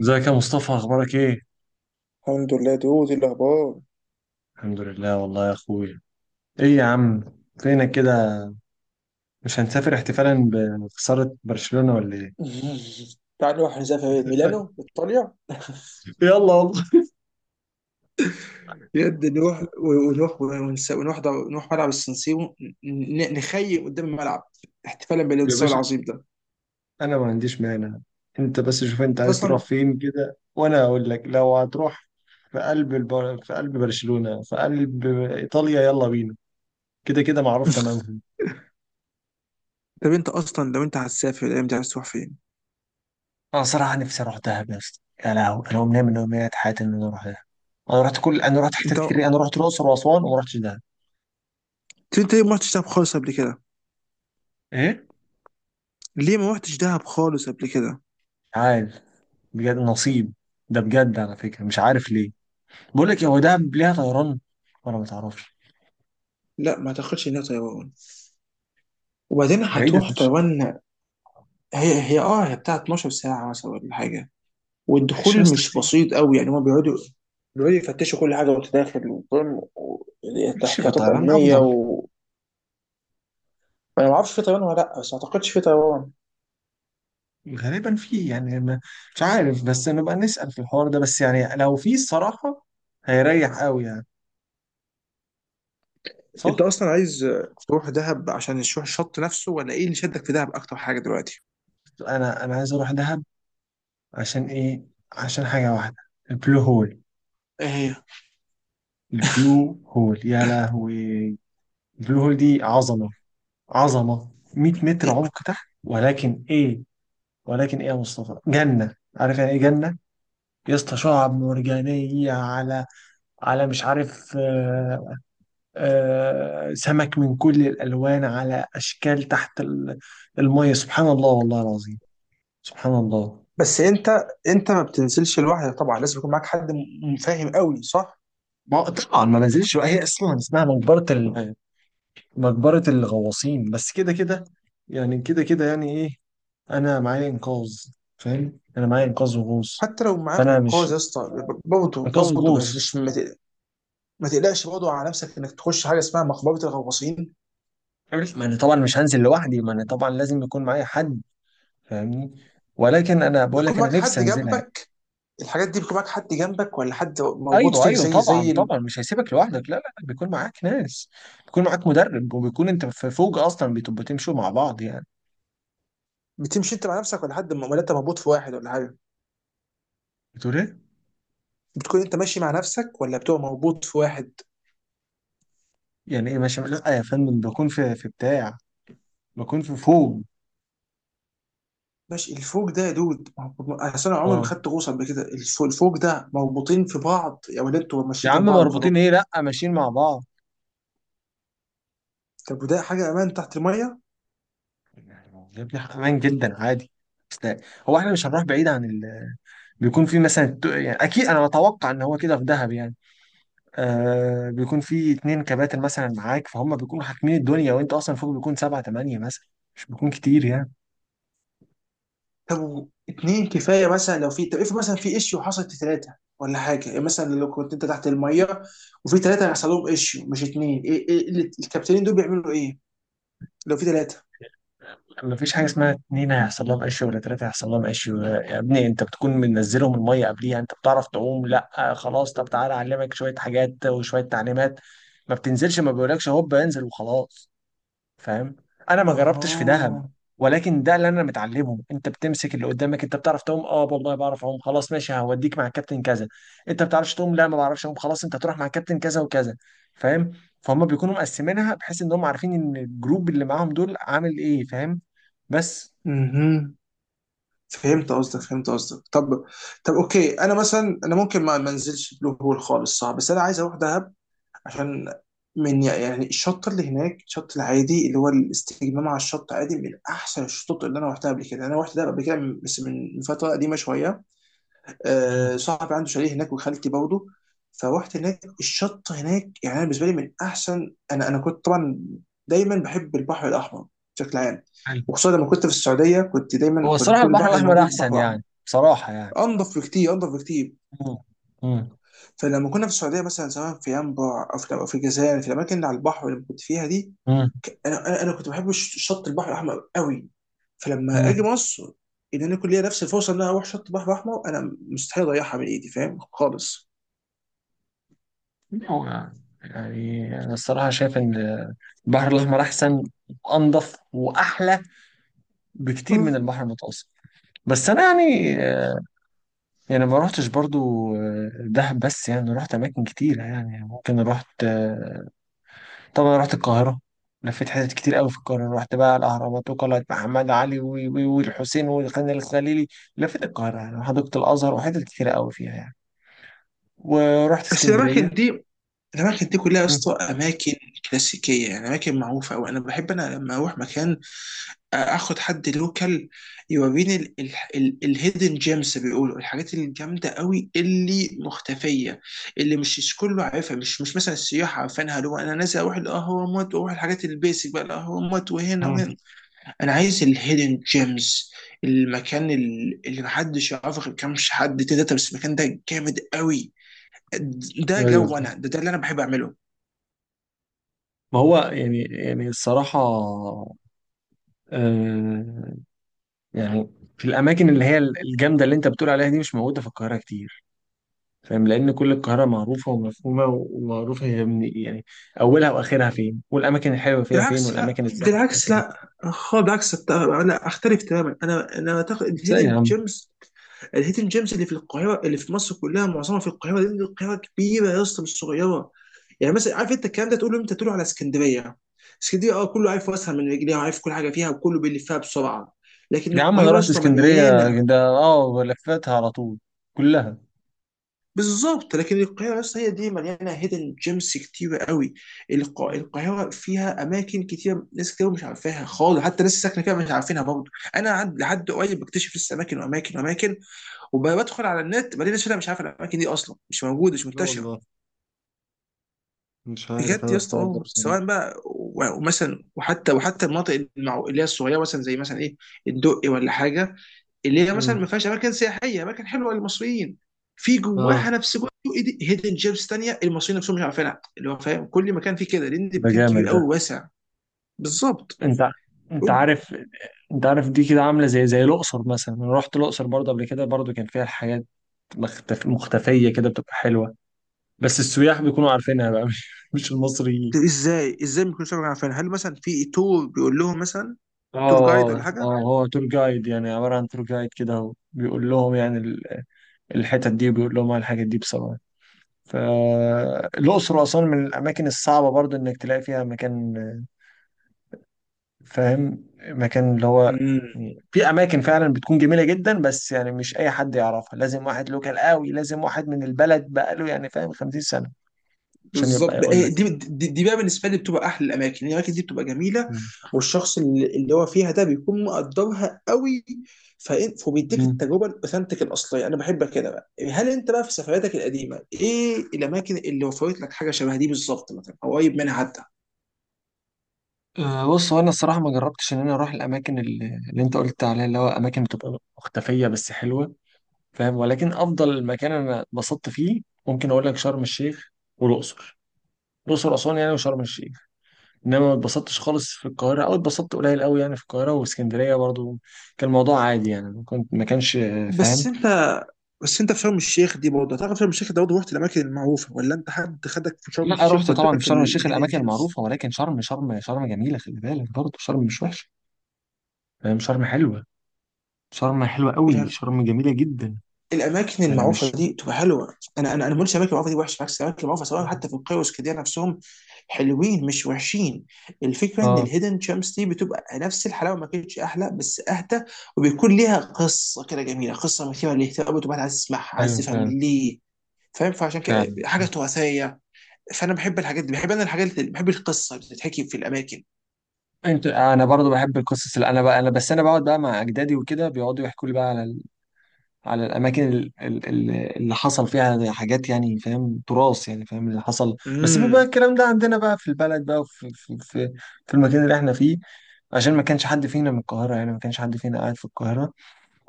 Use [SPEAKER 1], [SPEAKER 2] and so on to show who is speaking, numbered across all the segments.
[SPEAKER 1] ازيك يا مصطفى؟ اخبارك ايه؟
[SPEAKER 2] الحمد لله دي الاخبار.
[SPEAKER 1] الحمد لله والله يا اخويا. ايه يا عم؟ فينك كده؟ مش هنسافر احتفالا بخسارة برشلونة ولا ايه؟
[SPEAKER 2] تعال نروح نسافر إيه؟ ميلانو ايطاليا.
[SPEAKER 1] يلا والله.
[SPEAKER 2] بجد نروح و- ونروح ونس- ونروح در- نروح ملعب السنسيرو، نخيم قدام الملعب احتفالا
[SPEAKER 1] يا
[SPEAKER 2] بالانتصار
[SPEAKER 1] باشا،
[SPEAKER 2] العظيم ده.
[SPEAKER 1] انا ما عنديش مانع. انت بس شوف انت
[SPEAKER 2] انت
[SPEAKER 1] عايز تروح
[SPEAKER 2] اصلا.
[SPEAKER 1] فين كده وانا اقول لك لو هتروح. في قلب في قلب برشلونة، في قلب ايطاليا، يلا بينا. كده كده معروف تمامهم.
[SPEAKER 2] طب انت اصلا لو انت هتسافر الايام دي عايز تروح فين؟
[SPEAKER 1] انا صراحة نفسي اروح دهب يا اسطى. يا لهوي، انا امنيه من امنيات حياتي ان انا اروح دهب. انا رحت حتت
[SPEAKER 2] انت
[SPEAKER 1] كتير. انا رحت الاقصر واسوان وما رحتش دهب.
[SPEAKER 2] انت ليه ما رحتش دهب خالص قبل كده؟
[SPEAKER 1] ايه؟
[SPEAKER 2] ليه ما رحتش دهب خالص قبل كده؟
[SPEAKER 1] عارف، بجد نصيب. ده بجد على فكرة مش عارف ليه. بقول لك إيه، هو دهب ليها طيران ولا ما تعرفش؟
[SPEAKER 2] لا ما تاخدش هنا طيران، وبعدين
[SPEAKER 1] بعيدة
[SPEAKER 2] هتروح
[SPEAKER 1] فشخ.
[SPEAKER 2] طيران. هي بتاع 12 ساعة مثلا ولا حاجة.
[SPEAKER 1] ماشي يا
[SPEAKER 2] والدخول
[SPEAKER 1] اسطى
[SPEAKER 2] مش
[SPEAKER 1] كتير.
[SPEAKER 2] بسيط قوي، يعني هما بيقعدوا يفتشوا كل حاجه وانت داخل وفاهم
[SPEAKER 1] ماشي، في
[SPEAKER 2] تحتياطات
[SPEAKER 1] طيران
[SPEAKER 2] امنيه
[SPEAKER 1] أفضل.
[SPEAKER 2] انا ما اعرفش في طيران ولا لا، بس ما اعتقدش في طيران.
[SPEAKER 1] غالبا فيه يعني ما، مش عارف. بس نبقى نسأل في الحوار ده، بس يعني لو فيه الصراحة هيريح قوي يعني.
[SPEAKER 2] انت
[SPEAKER 1] صح.
[SPEAKER 2] اصلا عايز تروح دهب عشان تروح الشط نفسه، ولا ايه اللي شدك في دهب اكتر حاجه دلوقتي؟
[SPEAKER 1] أنا عايز أروح دهب. عشان إيه؟ عشان حاجة واحدة، البلو هول.
[SPEAKER 2] ايه هي؟
[SPEAKER 1] البلو هول يا لهوي، البلو هول دي عظمة. عظمة، 100 متر
[SPEAKER 2] إيه؟
[SPEAKER 1] عمق تحت. ولكن ايه؟ ولكن ايه يا مصطفى، جنة. عارف يعني ايه جنة يا اسطى؟ شعاب مرجانية على مش عارف، آه. آه، سمك من كل الألوان على أشكال تحت المية. سبحان الله والله العظيم، سبحان الله.
[SPEAKER 2] بس انت ما بتنزلش لوحدك طبعا، لازم يكون معاك حد فاهم قوي، صح؟
[SPEAKER 1] ما طبعا ما نزلش بقى، هي اصلا اسمها مقبرة الغواصين. بس كده كده، يعني كده كده، يعني ايه؟ انا معايا انقاذ، فاهم؟ انا معايا انقاذ وغوص.
[SPEAKER 2] حتى لو معاك
[SPEAKER 1] فانا مش،
[SPEAKER 2] انقاذ يا اسطى، برضه
[SPEAKER 1] انقاذ
[SPEAKER 2] برضه مش
[SPEAKER 1] وغوص.
[SPEAKER 2] مش ما تق- ما تقلقش برضه على نفسك انك تخش حاجه اسمها مقبره الغواصين.
[SPEAKER 1] عرف، ما انا طبعا مش هنزل لوحدي، ما انا طبعا لازم يكون معايا حد، فاهمني؟ ولكن انا بقول لك
[SPEAKER 2] بتكون
[SPEAKER 1] انا
[SPEAKER 2] معاك
[SPEAKER 1] نفسي
[SPEAKER 2] حد
[SPEAKER 1] انزلها يعني.
[SPEAKER 2] جنبك؟ الحاجات دي بيكون معاك حد جنبك، ولا حد مربوط
[SPEAKER 1] ايوه
[SPEAKER 2] فيك
[SPEAKER 1] ايوه
[SPEAKER 2] زي
[SPEAKER 1] طبعا
[SPEAKER 2] زي
[SPEAKER 1] طبعا، مش هيسيبك لوحدك، لا لا لا، بيكون معاك ناس، بيكون معاك مدرب، وبيكون انت في فوق اصلا بتبقوا تمشوا مع بعض يعني.
[SPEAKER 2] بتمشي انت مع نفسك، ولا ولا انت مربوط في واحد ولا حاجه؟
[SPEAKER 1] بتقول ايه؟
[SPEAKER 2] بتكون انت ماشي مع نفسك، ولا بتبقى مربوط في واحد؟
[SPEAKER 1] يعني ايه ماشي؟ لا يا فندم، بكون في بتاع، بكون في فوق.
[SPEAKER 2] ماشي، الفوق ده يا دود، ما هو- ما- اصل انا عمري ما
[SPEAKER 1] اه
[SPEAKER 2] خدت غوصه قبل كده. الفوق ده مربوطين في بعض يا ولا انتوا
[SPEAKER 1] يا
[SPEAKER 2] ماشيين
[SPEAKER 1] عم
[SPEAKER 2] جنب بعض وخلاص؟
[SPEAKER 1] مربوطين ايه؟ لا، ماشيين مع بعض.
[SPEAKER 2] طب وده حاجه امان تحت الميه؟
[SPEAKER 1] يعني يا ابني، امان جدا عادي. بس ده- هو احنا مش هنروح بعيد عن ال... بيكون في مثلا يعني اكيد انا بتوقع ان هو كده في دهب يعني. آه، بيكون في اتنين كباتن مثلا معاك، فهم؟ بيكونوا حاكمين الدنيا، وانت اصلا فوق بيكون سبعة تمانية مثلا، مش بيكون كتير يعني.
[SPEAKER 2] طب اتنين كفايه مثلا؟ لو في، طب افرض مثلا في ايشيو حصلت ثلاثه ولا حاجه، يعني مثلا لو كنت انت تحت الميه وفي ثلاثه حصل لهم ايشيو مش اتنين، ايه ايه اللي، الكابتنين دول بيعملوا ايه لو في ثلاثه؟
[SPEAKER 1] مفيش حاجة اسمها اتنين هيحصل لهم قش ولا تلاتة هيحصل لهم قش. يا ابني انت بتكون منزلهم المية قبليها. انت بتعرف تعوم؟ لا، آه خلاص طب تعالى اعلمك شوية حاجات وشوية تعليمات. ما بتنزلش، ما بيقولكش هوب انزل وخلاص، فاهم؟ انا ما جربتش في دهب،
[SPEAKER 2] اها.
[SPEAKER 1] ولكن ده اللي انا متعلمه. انت بتمسك اللي قدامك. انت بتعرف تعوم؟ اه والله بعرف اعوم. خلاص ماشي، هوديك مع الكابتن كذا. انت ما بتعرفش تعوم؟ لا، ما بعرفش اعوم. خلاص انت هتروح مع الكابتن كذا وكذا، فاهم؟ فهم بيكونوا مقسمينها بحيث ان هم عارفين ان الجروب اللي معاهم دول عامل ايه، فاهم؟ بس
[SPEAKER 2] مهم. فهمت
[SPEAKER 1] ف-
[SPEAKER 2] قصدك فهمت قصدك طب اوكي، انا مثلا انا ممكن ما انزلش بلو هول خالص، صعب، بس انا عايز اروح دهب، عشان من يعني الشط اللي هناك، الشط العادي اللي هو الاستجمام على الشط، عادي، من احسن الشطوط اللي انا رحتها قبل كده. انا رحت دهب قبل كده بس من فتره قديمه شويه. آه،
[SPEAKER 1] مم.
[SPEAKER 2] صاحبي عنده شاليه هناك وخالتي برضه، فروحت هناك. الشط هناك يعني أنا بالنسبه لي من احسن. انا كنت طبعا دايما بحب البحر الاحمر بشكل عام.
[SPEAKER 1] حلو.
[SPEAKER 2] وخصوصا لما كنت في السعوديه كنت
[SPEAKER 1] هو
[SPEAKER 2] دايما، كان
[SPEAKER 1] الصراحة
[SPEAKER 2] كل
[SPEAKER 1] البحر
[SPEAKER 2] البحر
[SPEAKER 1] الأحمر
[SPEAKER 2] الموجود
[SPEAKER 1] أحسن
[SPEAKER 2] بحر احمر،
[SPEAKER 1] يعني، بصراحة يعني.
[SPEAKER 2] انضف بكتير انضف بكتير.
[SPEAKER 1] مم. مم.
[SPEAKER 2] فلما كنا في السعوديه مثلا، سواء في ينبع او في الجزائر، في الاماكن اللي على البحر اللي كنت فيها دي، ك- انا انا أنا كنت بحب شط البحر الاحمر قوي. فلما
[SPEAKER 1] مم.
[SPEAKER 2] اجي مصر، ان انا يكون ليا نفس الفرصه ان انا اروح شط البحر الاحمر، انا مستحيل اضيعها من ايدي، فاهم؟ خالص.
[SPEAKER 1] هو يعني أنا الصراحة شايف إن البحر الأحمر أحسن وأنضف وأحلى بكتير من البحر المتوسط. بس أنا يعني ما روحتش برضو. آه، دهب بس يعني رحت أماكن كتيرة يعني، ممكن رحت. طبعا رحت القاهرة. لفيت حتت كتير قوي في القاهرة. رحت بقى الأهرامات وقلعة محمد علي والحسين والخان الخليلي. لفيت القاهرة يعني، وحديقة الأزهر وحتت كتيرة قوي فيها يعني. ورحت
[SPEAKER 2] بس
[SPEAKER 1] اسكندرية.
[SPEAKER 2] الاماكن دي كلها يا اسطى
[SPEAKER 1] مم.
[SPEAKER 2] اماكن كلاسيكيه، يعني اماكن معروفه. او انا بحب، انا لما اروح مكان اخد حد لوكال يوريني الهيدن جيمز، بيقولوا الحاجات الجامده قوي اللي مختفيه، اللي مش كله عارفها، مش مثلا السياح عارفينها، اللي هو انا نازل اروح الاهرامات واروح الحاجات البيسك بقى، الاهرامات وهنا
[SPEAKER 1] مم.
[SPEAKER 2] وهنا. انا عايز الهيدن جيمز، المكان اللي محدش يعرفه غير كام حد تلاته بس، المكان ده جامد قوي. ده
[SPEAKER 1] ايوه،
[SPEAKER 2] جو انا، ده اللي انا بحب اعمله.
[SPEAKER 1] ما هو يعني الصراحة، آه يعني في الأماكن اللي هي الجامدة اللي أنت بتقول عليها دي، مش موجودة في القاهرة كتير، فاهم؟ لأن كل القاهرة معروفة ومفهومة ومعروفة، هي من يعني أولها وآخرها فين، والأماكن الحلوة فيها فين،
[SPEAKER 2] بالعكس لا
[SPEAKER 1] والأماكن الزحمة فيها
[SPEAKER 2] بالعكس
[SPEAKER 1] فين.
[SPEAKER 2] لا خالص بالعكس أت- لا اختلف تماما، انا اعتقد
[SPEAKER 1] إزاي يا
[SPEAKER 2] الهيدن
[SPEAKER 1] عم؟
[SPEAKER 2] جيمز الهيدن جيمز اللي في القاهره، اللي في مصر كلها معظمها في القاهره، لان القاهره كبيره يا اسطى مش صغيره. يعني مثلا عارف انت الكلام ده تقوله امتى؟ تقوله على اسكندريه. اسكندريه اه، كله عارف واسهل من رجليها، وعارف كل حاجه فيها، وكله بيلفها بسرعه. لكن
[SPEAKER 1] يا عم أنا
[SPEAKER 2] القاهره يا
[SPEAKER 1] رحت
[SPEAKER 2] اسطى
[SPEAKER 1] اسكندرية،
[SPEAKER 2] مليانه.
[SPEAKER 1] ده أه لفيتها على طول كلها.
[SPEAKER 2] بالظبط، لكن القاهرة بس هي دي مليانة هيدن جيمس كتيرة قوي. القاهرة فيها أماكن كتيرة، ناس كتير مش عارفاها خالص، حتى ناس ساكنة فيها مش عارفينها برضه. أنا لحد قريب بكتشف لسه أماكن وأماكن وأماكن، وبدخل على النت بلاقي ناس أنا مش عارف الأماكن دي أصلا، مش موجودة، مش
[SPEAKER 1] لا
[SPEAKER 2] منتشرة.
[SPEAKER 1] والله، مش عارف
[SPEAKER 2] بجد
[SPEAKER 1] أنا
[SPEAKER 2] يا اسطى،
[SPEAKER 1] الحوار ده
[SPEAKER 2] اه،
[SPEAKER 1] بصراحة.
[SPEAKER 2] سواء بقى ومثلا وحتى المناطق اللي هي الصغيرة مثلا، زي مثلا إيه، الدقي ولا حاجة، اللي هي مثلا ما
[SPEAKER 1] امم،
[SPEAKER 2] فيهاش اماكن سياحيه، اماكن حلوه للمصريين، في جواها
[SPEAKER 1] اه،
[SPEAKER 2] نفس جوه هيدن جيمز تانية المصريين نفسهم مش عارفينها، اللي هو فاهم كل مكان فيه كده لان ده
[SPEAKER 1] ده
[SPEAKER 2] مكان
[SPEAKER 1] جامد
[SPEAKER 2] كبير
[SPEAKER 1] ده.
[SPEAKER 2] قوي واسع. بالظبط.
[SPEAKER 1] انت انت
[SPEAKER 2] قول لي،
[SPEAKER 1] عارف. انت عارف دي كده عامله زي الاقصر مثلا. انا رحت الاقصر برضه قبل كده، برضه كان فيها حاجات مختفيه كده بتبقى حلوه. بس السياح بيكونوا عارفينها بقى، مش المصريين.
[SPEAKER 2] طب ازاي ازاي ما يكونوش عارفينها؟ هل مثلا في تور بيقول لهم مثلا تور جايد
[SPEAKER 1] اه اه
[SPEAKER 2] ولا
[SPEAKER 1] هو تور جايد يعني، عباره عن تور جايد كده، هو بيقول لهم يعني الحتت دي وبيقول لهم على الحاجات دي بصراحه. فالاقصر واسوان من الاماكن الصعبه برضه انك تلاقي فيها مكان، فاهم، مكان اللي هو
[SPEAKER 2] حاجه؟
[SPEAKER 1] يعني في اماكن فعلا بتكون جميله جدا. بس يعني مش اي حد يعرفها، لازم واحد لوكال قوي، لازم واحد من البلد بقاله يعني فاهم 50 سنه عشان يبقى
[SPEAKER 2] بالظبط،
[SPEAKER 1] يقول
[SPEAKER 2] إيه
[SPEAKER 1] لك
[SPEAKER 2] دي,
[SPEAKER 1] يعني.
[SPEAKER 2] دي دي بقى بالنسبه لي بتبقى احلى الاماكن، يعني الاماكن دي بتبقى جميله،
[SPEAKER 1] مم.
[SPEAKER 2] والشخص اللي اللي هو فيها ده بيكون مقدرها قوي، فبيديك
[SPEAKER 1] مم.
[SPEAKER 2] التجربه الاوثنتيك الاصليه. انا بحب كده بقى. هل انت بقى في سفرياتك القديمه ايه الاماكن اللي وفرت لك حاجه شبه دي بالظبط مثلا، او قريب منها حتى؟
[SPEAKER 1] أه بص، هو انا الصراحه ما جربتش ان انا اروح الاماكن اللي انت قلت عليها اللي هو اماكن بتبقى مختفيه بس حلوه، فاهم. ولكن افضل مكان انا اتبسطت فيه، ممكن اقول لك شرم الشيخ والاقصر. الاقصر اسوان يعني، وشرم الشيخ. انما ما اتبسطتش خالص في القاهره او اتبسطت قليل قوي يعني، في القاهره واسكندريه برضو كان الموضوع عادي يعني، ما كانش، آه، فاهم.
[SPEAKER 2] بس انت، بس انت في شرم الشيخ دي برضه، تعرف، شرم الشيخ ده برضه رحت الاماكن المعروفه، ولا انت حد خدك في شرم
[SPEAKER 1] لا،
[SPEAKER 2] الشيخ
[SPEAKER 1] رحت طبعا في
[SPEAKER 2] وداك
[SPEAKER 1] شرم الشيخ
[SPEAKER 2] الهيدن
[SPEAKER 1] الاماكن
[SPEAKER 2] جيمز؟
[SPEAKER 1] المعروفه. ولكن شرم جميله، خلي بالك برضو، شرم مش وحشه، فاهم، شرم حلوه، شرم حلوه قوي، شرم جميله جدا.
[SPEAKER 2] الاماكن
[SPEAKER 1] يعني
[SPEAKER 2] المعروفه
[SPEAKER 1] مش،
[SPEAKER 2] دي تبقى حلوه، انا انا انا ما بقولش الاماكن المعروفه دي وحشه، بالعكس الاماكن المعروفه سواء حتى في القيوس كده نفسهم حلوين مش وحشين. الفكره ان
[SPEAKER 1] اه.
[SPEAKER 2] الهيدن شامس دي بتبقى نفس الحلاوه، ما كانتش احلى بس اهدى، وبيكون ليها قصه كده جميله، قصه مثيره للاهتمام وتبقى عايز تسمعها، عايز
[SPEAKER 1] ايوه
[SPEAKER 2] تفهم
[SPEAKER 1] فعلا.
[SPEAKER 2] ليه، فاهم؟ فعشان كده
[SPEAKER 1] فعلا،
[SPEAKER 2] حاجه تراثيه، فانا بحب الحاجات دي، بحب انا الحاجات اللي بحب القصه اللي بتتحكي في الاماكن.
[SPEAKER 1] انا برضو بحب القصص، اللي انا بقعد بقى مع اجدادي، وكده بيقعدوا يحكوا لي بقى على الاماكن اللي حصل فيها حاجات يعني، فاهم؟ تراث يعني، فاهم، اللي حصل، بس بيبقى
[SPEAKER 2] امم.
[SPEAKER 1] الكلام ده عندنا بقى في البلد بقى، وفي في المكان اللي احنا فيه. عشان ما كانش حد فينا من القاهره، يعني ما كانش حد فينا قاعد في القاهره.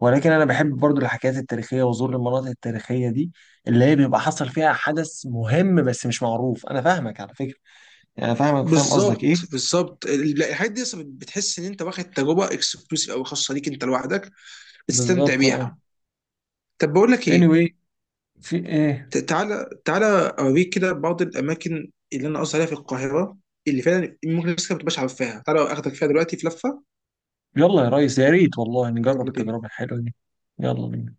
[SPEAKER 1] ولكن انا بحب برضو الحكايات التاريخيه وزور المناطق التاريخيه دي، اللي هي بيبقى حصل فيها حدث مهم بس مش معروف. انا فاهمك على فكره، يعني أنا فاهمك وفاهم قصدك ايه.
[SPEAKER 2] بالظبط بالظبط لا، الحاجات دي أصلاً بتحس ان انت واخد تجربه اكسكلوسيف او خاصه ليك انت لوحدك، استمتع
[SPEAKER 1] بالظبط اه.
[SPEAKER 2] بيها. طب بقول لك ايه،
[SPEAKER 1] anyway، في ايه؟
[SPEAKER 2] تعالى اوريك كده بعض الاماكن اللي انا قصدي عليها في القاهره، اللي فعلا ممكن الناس كده ما تبقاش عارفاها. تعالى اخدك فيها دلوقتي في لفه.
[SPEAKER 1] يلا يا ريس، يا ريت والله نجرب
[SPEAKER 2] يلا بينا.
[SPEAKER 1] التجربه الحلوه دي. يلا بينا.